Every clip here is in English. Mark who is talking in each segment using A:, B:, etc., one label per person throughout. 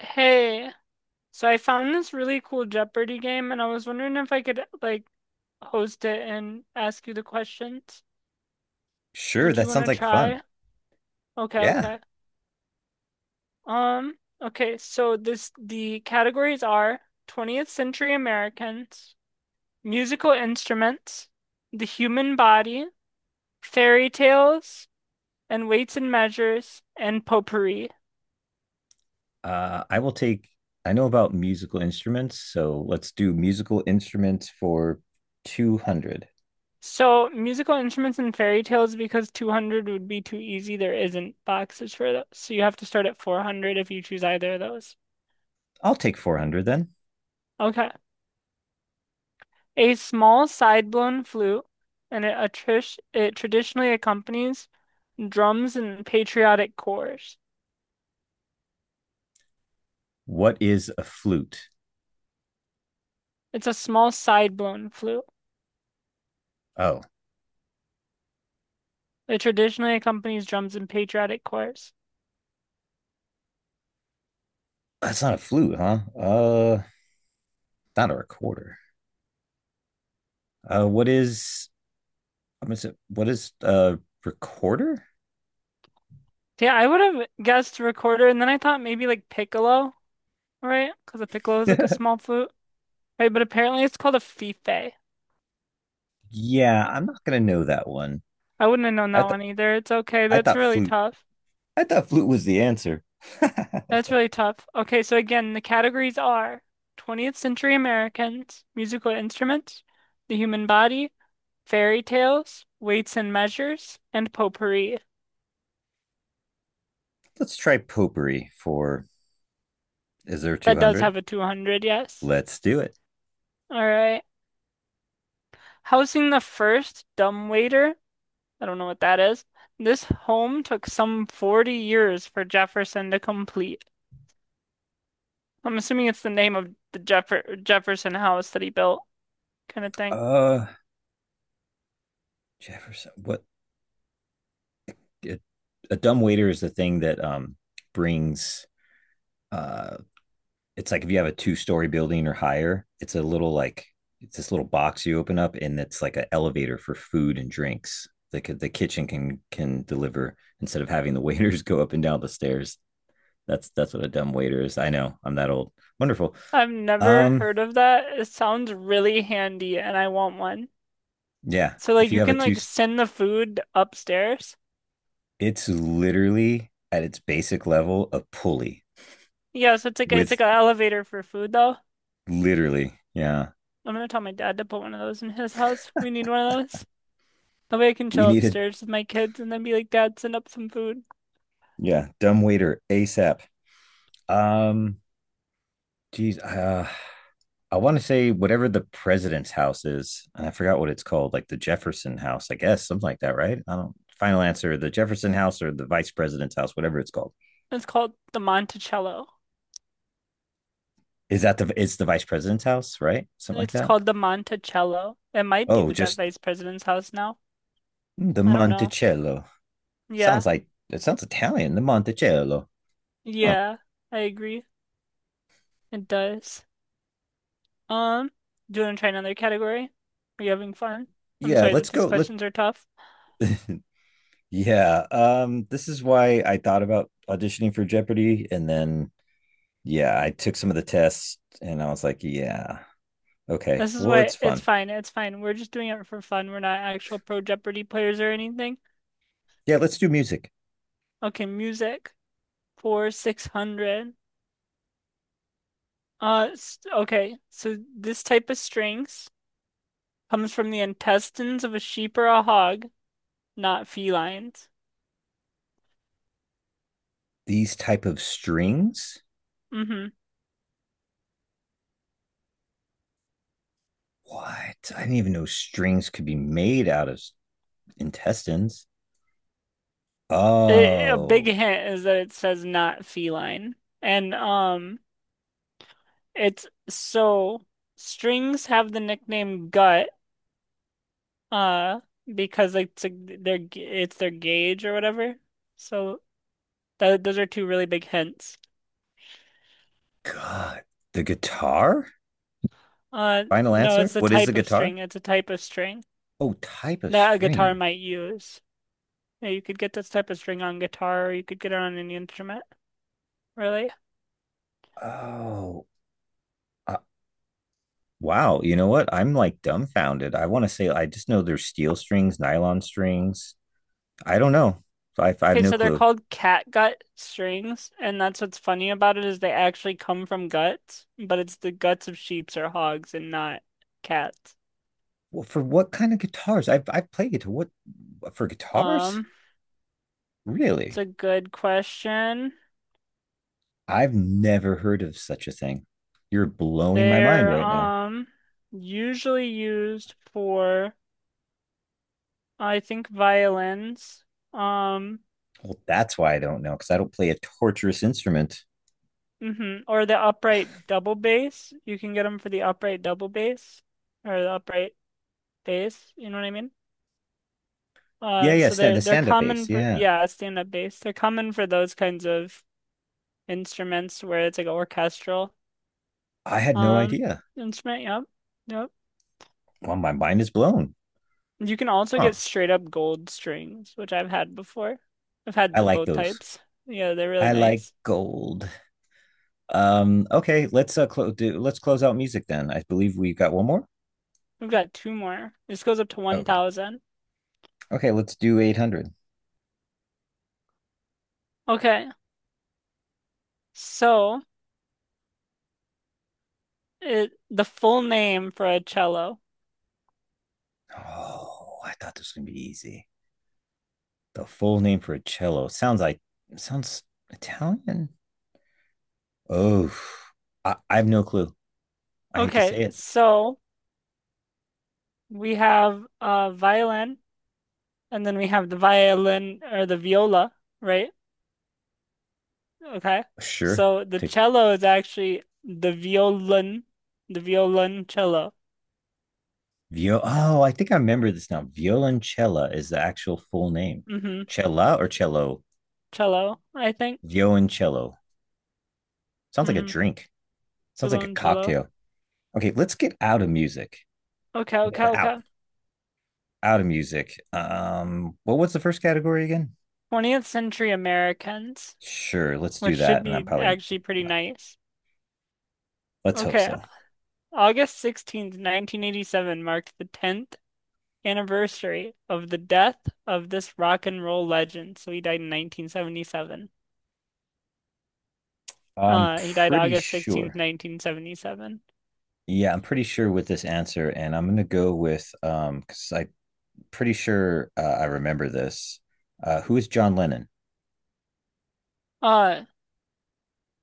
A: Hey, so I found this really cool Jeopardy game, and I was wondering if I could like host it and ask you the questions.
B: Sure,
A: Would you
B: that
A: want
B: sounds
A: to
B: like fun.
A: try? Okay,
B: Yeah.
A: okay. Um, okay, so this the categories are 20th century Americans, musical instruments, the human body, fairy tales, and weights and measures, and potpourri.
B: I will take, I know about musical instruments, so let's do musical instruments for 200.
A: So, musical instruments and fairy tales, because 200 would be too easy, there isn't boxes for those. So, you have to start at 400 if you choose either of those.
B: I'll take 400 then.
A: Okay. A small side-blown flute, and it traditionally accompanies drums and patriotic chores.
B: What is a flute?
A: It's a small side-blown flute.
B: Oh,
A: It traditionally accompanies drums and patriotic chores.
B: that's not a flute, huh? Not a recorder. What is, I'm gonna say, what is a recorder?
A: Yeah, I would have guessed recorder, and then I thought maybe like piccolo, right? Because a piccolo is like a small flute, right? But apparently it's called a fife.
B: Yeah, I'm not gonna know that one.
A: I wouldn't have known
B: I
A: that
B: th
A: one either. It's okay.
B: I
A: That's
B: thought
A: really
B: flute.
A: tough.
B: I thought flute was the answer.
A: That's really tough. Okay, so again, the categories are 20th century Americans, musical instruments, the human body, fairy tales, weights and measures, and potpourri.
B: Let's try potpourri for, is there
A: That does
B: 200?
A: have a 200, yes.
B: Let's do it.
A: All right. Housing the first dumb waiter. I don't know what that is. This home took some 40 years for Jefferson to complete. I'm assuming it's the name of the Jefferson house that he built, kind of thing.
B: Uh, Jefferson. What? It, a dumb waiter is the thing that brings. Uh, it's like if you have a two-story building or higher, it's a little like it's this little box you open up, and it's like an elevator for food and drinks. The kitchen can deliver instead of having the waiters go up and down the stairs. That's what a dumb waiter is. I know. I'm that old. Wonderful.
A: I've never
B: Um,
A: heard of that. It sounds really handy and I want one.
B: yeah.
A: So
B: If
A: like
B: you
A: you
B: have a
A: can
B: two,
A: like send the food upstairs.
B: it's literally at its basic level a pulley
A: Yeah, so it's
B: with
A: like an elevator for food though.
B: literally. Yeah.
A: I'm gonna tell my dad to put one of those in his house. We need one of those. That way I can
B: We
A: chill
B: needed,
A: upstairs with my kids and then be like, Dad, send up some food.
B: yeah, dumb waiter ASAP. Um, geez, I want to say whatever the president's house is, and I forgot what it's called, like the Jefferson House, I guess, something like that, right? I don't. Final answer: the Jefferson House or the Vice President's house, whatever it's called.
A: It's called the Monticello.
B: Is that the? It's the Vice President's house, right? Something like
A: It's
B: that.
A: called the Monticello. It might be
B: Oh,
A: the
B: just
A: vice president's house now.
B: the
A: I don't know.
B: Monticello.
A: Yeah.
B: Sounds like it sounds Italian. The Monticello. Oh,
A: Yeah. I agree. It does. Um, do you want to try another category? Are you having fun? I'm
B: yeah,
A: sorry
B: let's
A: that these
B: go. Let
A: questions are tough.
B: yeah, this is why I thought about auditioning for Jeopardy, and then yeah, I took some of the tests, and I was like, yeah, okay,
A: This is
B: well, it's
A: why it's
B: fun.
A: fine. It's fine. We're just doing it for fun. We're not actual Pro Jeopardy players or anything.
B: Yeah, let's do music.
A: Okay, music for 600. Okay. So this type of strings comes from the intestines of a sheep or a hog. Not felines.
B: These type of strings.
A: Mm-hmm.
B: What? I didn't even know strings could be made out of intestines.
A: A big
B: Oh
A: hint is that it says not feline. And it's so strings have the nickname gut uh because it's their gauge or whatever. So those are two really big hints.
B: God, the guitar. Final
A: No,
B: answer.
A: it's a
B: What is the
A: type of
B: guitar?
A: string. It's a type of string
B: Oh, type of
A: that a guitar
B: string.
A: might use. Yeah, you could get this type of string on guitar or you could get it on any instrument, really.
B: Oh, uh, wow, you know what? I'm like dumbfounded. I want to say I just know there's steel strings, nylon strings. I don't know. So, I have
A: Okay,
B: no
A: so they're
B: clue.
A: called cat gut strings, and that's what's funny about it is they actually come from guts, but it's the guts of sheep or hogs and not cats.
B: Well, for what kind of guitars? I've played guitar. What for guitars?
A: Um, it's a
B: Really?
A: good question.
B: I've never heard of such a thing. You're blowing my mind
A: They're
B: right now.
A: usually used for I think violins. Um,
B: Well, that's why I don't know because I don't play a torturous instrument.
A: or the upright double bass. You can get them for the upright double bass or the upright bass, you know what I mean?
B: Yeah, yeah,
A: So they're
B: the
A: they're
B: stand-up
A: common
B: bass.
A: for
B: Yeah,
A: yeah, stand-up bass. They're common for those kinds of instruments where it's like an orchestral
B: I had no
A: um
B: idea.
A: instrument. Yep, yep.
B: Well, my mind is blown.
A: You can also
B: Huh?
A: get straight up gold strings, which I've had before. I've had
B: I
A: the,
B: like
A: both
B: those.
A: types. Yeah, they're really
B: I like
A: nice.
B: gold. Okay, let's close do let's close out music then. I believe we've got one more.
A: We've got two more. This goes up to
B: Okay.
A: 1,000.
B: Okay, let's do 800.
A: Okay, so it the full name for a cello.
B: Oh, I thought this was going to be easy. The full name for a cello sounds like sounds Italian. Oh, I have no clue. I hate to
A: Okay,
B: say it.
A: so we have violin, and then we have the violin or the viola, right? Okay.
B: Sure.
A: So the
B: To
A: cello is actually the violin, the violoncello.
B: vio Oh, I think I remember this now. Violoncella is the actual full name.
A: Mm-hmm.
B: Cella or cello?
A: Cello, I think.
B: Violoncello. Sounds like a
A: Mm-hmm.
B: drink. Sounds like a
A: Violoncello.
B: cocktail. Okay, let's get out of music.
A: Okay, okay,
B: Out
A: okay.
B: out of music. Well, what's the first category again?
A: 20th century Americans,
B: Sure, let's
A: which
B: do
A: should
B: that. And I'm
A: be
B: probably
A: actually pretty nice.
B: let's hope
A: Okay,
B: so.
A: August 16th, 1987 marked the 10th anniversary of the death of this rock and roll legend. So he died in 1977.
B: I'm
A: He died
B: pretty
A: August
B: sure.
A: 16th, 1977.
B: Yeah, I'm pretty sure with this answer, and I'm gonna go with because I'm pretty sure I remember this. Who is John Lennon?
A: Uh,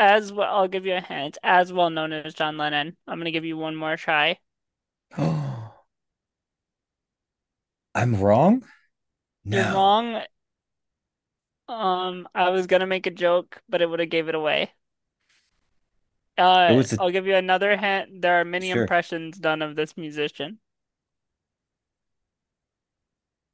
A: As well, I'll give you a hint. As well known as John Lennon. I'm gonna give you one more try.
B: Oh, I'm wrong.
A: You're
B: No,
A: wrong. I was gonna make a joke, but it would have gave it away.
B: it was a
A: I'll give you another hint. There are many
B: sure.
A: impressions done of this musician.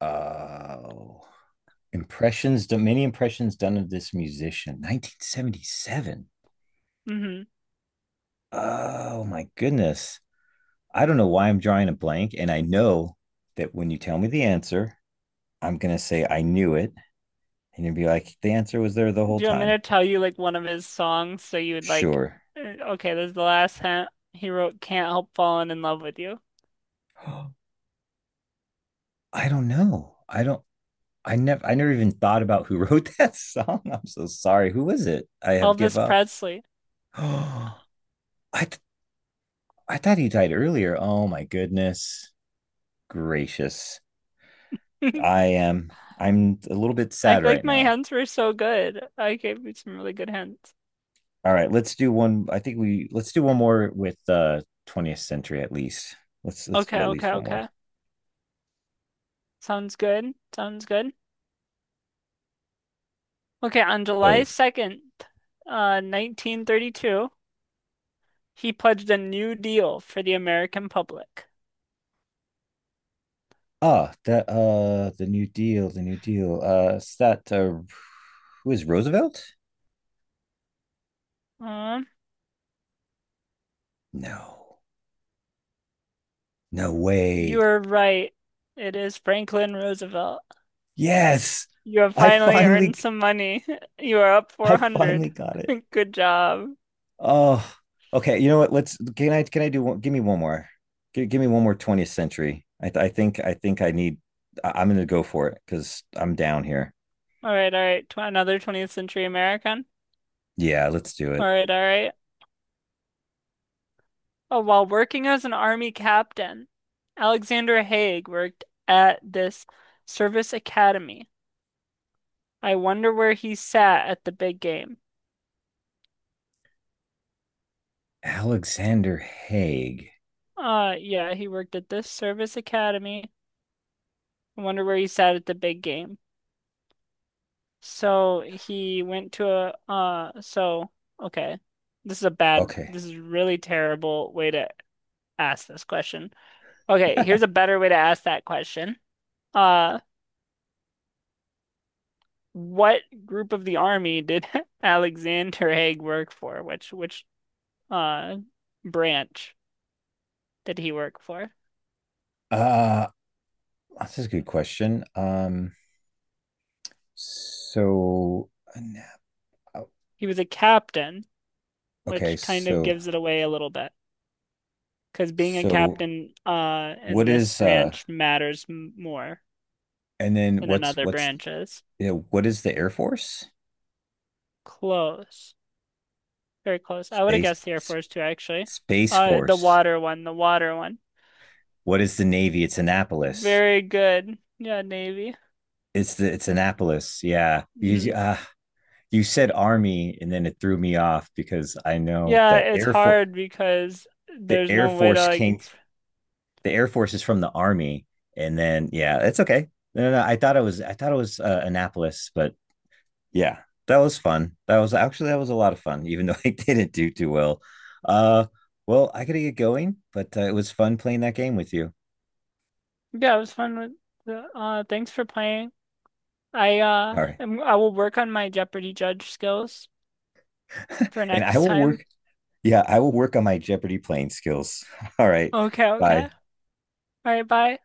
B: Oh, many impressions done of this musician. 1977.
A: Hmm.
B: Oh my goodness. I don't know why I'm drawing a blank. And I know that when you tell me the answer, I'm going to say, I knew it. And you will be like, the answer was there the whole
A: Do you want me
B: time.
A: to tell you like one of his songs so you would like?
B: Sure.
A: Okay, this is the last hint. He wrote "Can't Help Falling in Love with You."
B: I don't know. I never even thought about who wrote that song. I'm so sorry. Who was it? I have give
A: Elvis
B: up.
A: Presley.
B: I, th- I thought he died earlier. Oh my goodness gracious. I'm a little bit
A: I
B: sad
A: feel
B: right
A: like my
B: now.
A: hints were so good. I gave you some really good hints.
B: All right, let's do one. I think we let's do one more with 20th century at least. Let's do
A: Okay,
B: at
A: okay,
B: least one
A: okay.
B: more.
A: Sounds good. Sounds good. Okay, on July
B: So
A: 2nd, 1932, he pledged a New Deal for the American public.
B: ah that the New Deal, the New Deal. Is that who is Roosevelt?
A: Uh,
B: No, no way.
A: you're right. It is Franklin Roosevelt.
B: Yes,
A: You have
B: I
A: finally earned
B: finally
A: some money. You are up
B: I
A: 400.
B: finally got it.
A: Good job.
B: Oh, okay. You know what? Let's can I do one give me one more. Give me one more 20th century. I think I need I'm gonna go for it because I'm down here.
A: All right, all right. Tw another 20th century American.
B: Yeah, let's do
A: All
B: it.
A: right, all right. Oh, while working as an army captain, Alexander Haig worked at this service academy. I wonder where he sat at the big game.
B: Alexander Haig.
A: Yeah, he worked at this service academy. I wonder where he sat at the big game. So he went to a so okay.
B: Okay.
A: This is a really terrible way to ask this question. Okay, here's a better way to ask that question. Uh, what group of the army did Alexander Haig work for? Which uh branch did he work for?
B: uh that's a good question. So uh,
A: He was a captain,
B: okay,
A: which kind of gives it away a little bit. Because being a
B: so
A: captain in
B: what
A: this
B: is
A: branch matters m more
B: and then
A: than in other
B: what's
A: branches.
B: you know, what is the Air Force?
A: Close. Very close. I would have
B: Space
A: guessed the Air
B: S-
A: Force too, actually.
B: Space
A: The
B: Force.
A: water one, the water one.
B: What is the Navy? It's Annapolis.
A: Very good. Yeah, Navy.
B: It's the it's Annapolis. Yeah. You,
A: Hmm.
B: you said Army and then it threw me off because I know
A: Yeah, it's hard because
B: The
A: there's
B: Air
A: no way to
B: Force
A: like.
B: came
A: Ex
B: the Air Force is from the Army, and then yeah, it's okay. No. I thought it was Annapolis, but yeah, that was fun. That was a lot of fun, even though I didn't do too well. Uh, well, I gotta get going, but it was fun playing that game with you.
A: yeah, it was fun with Thanks for playing.
B: All right,
A: I will work on my Jeopardy judge skills for
B: and I
A: next
B: will
A: time.
B: work. Yeah, I will work on my Jeopardy playing skills. All right,
A: Okay, okay.
B: bye.
A: All right, bye.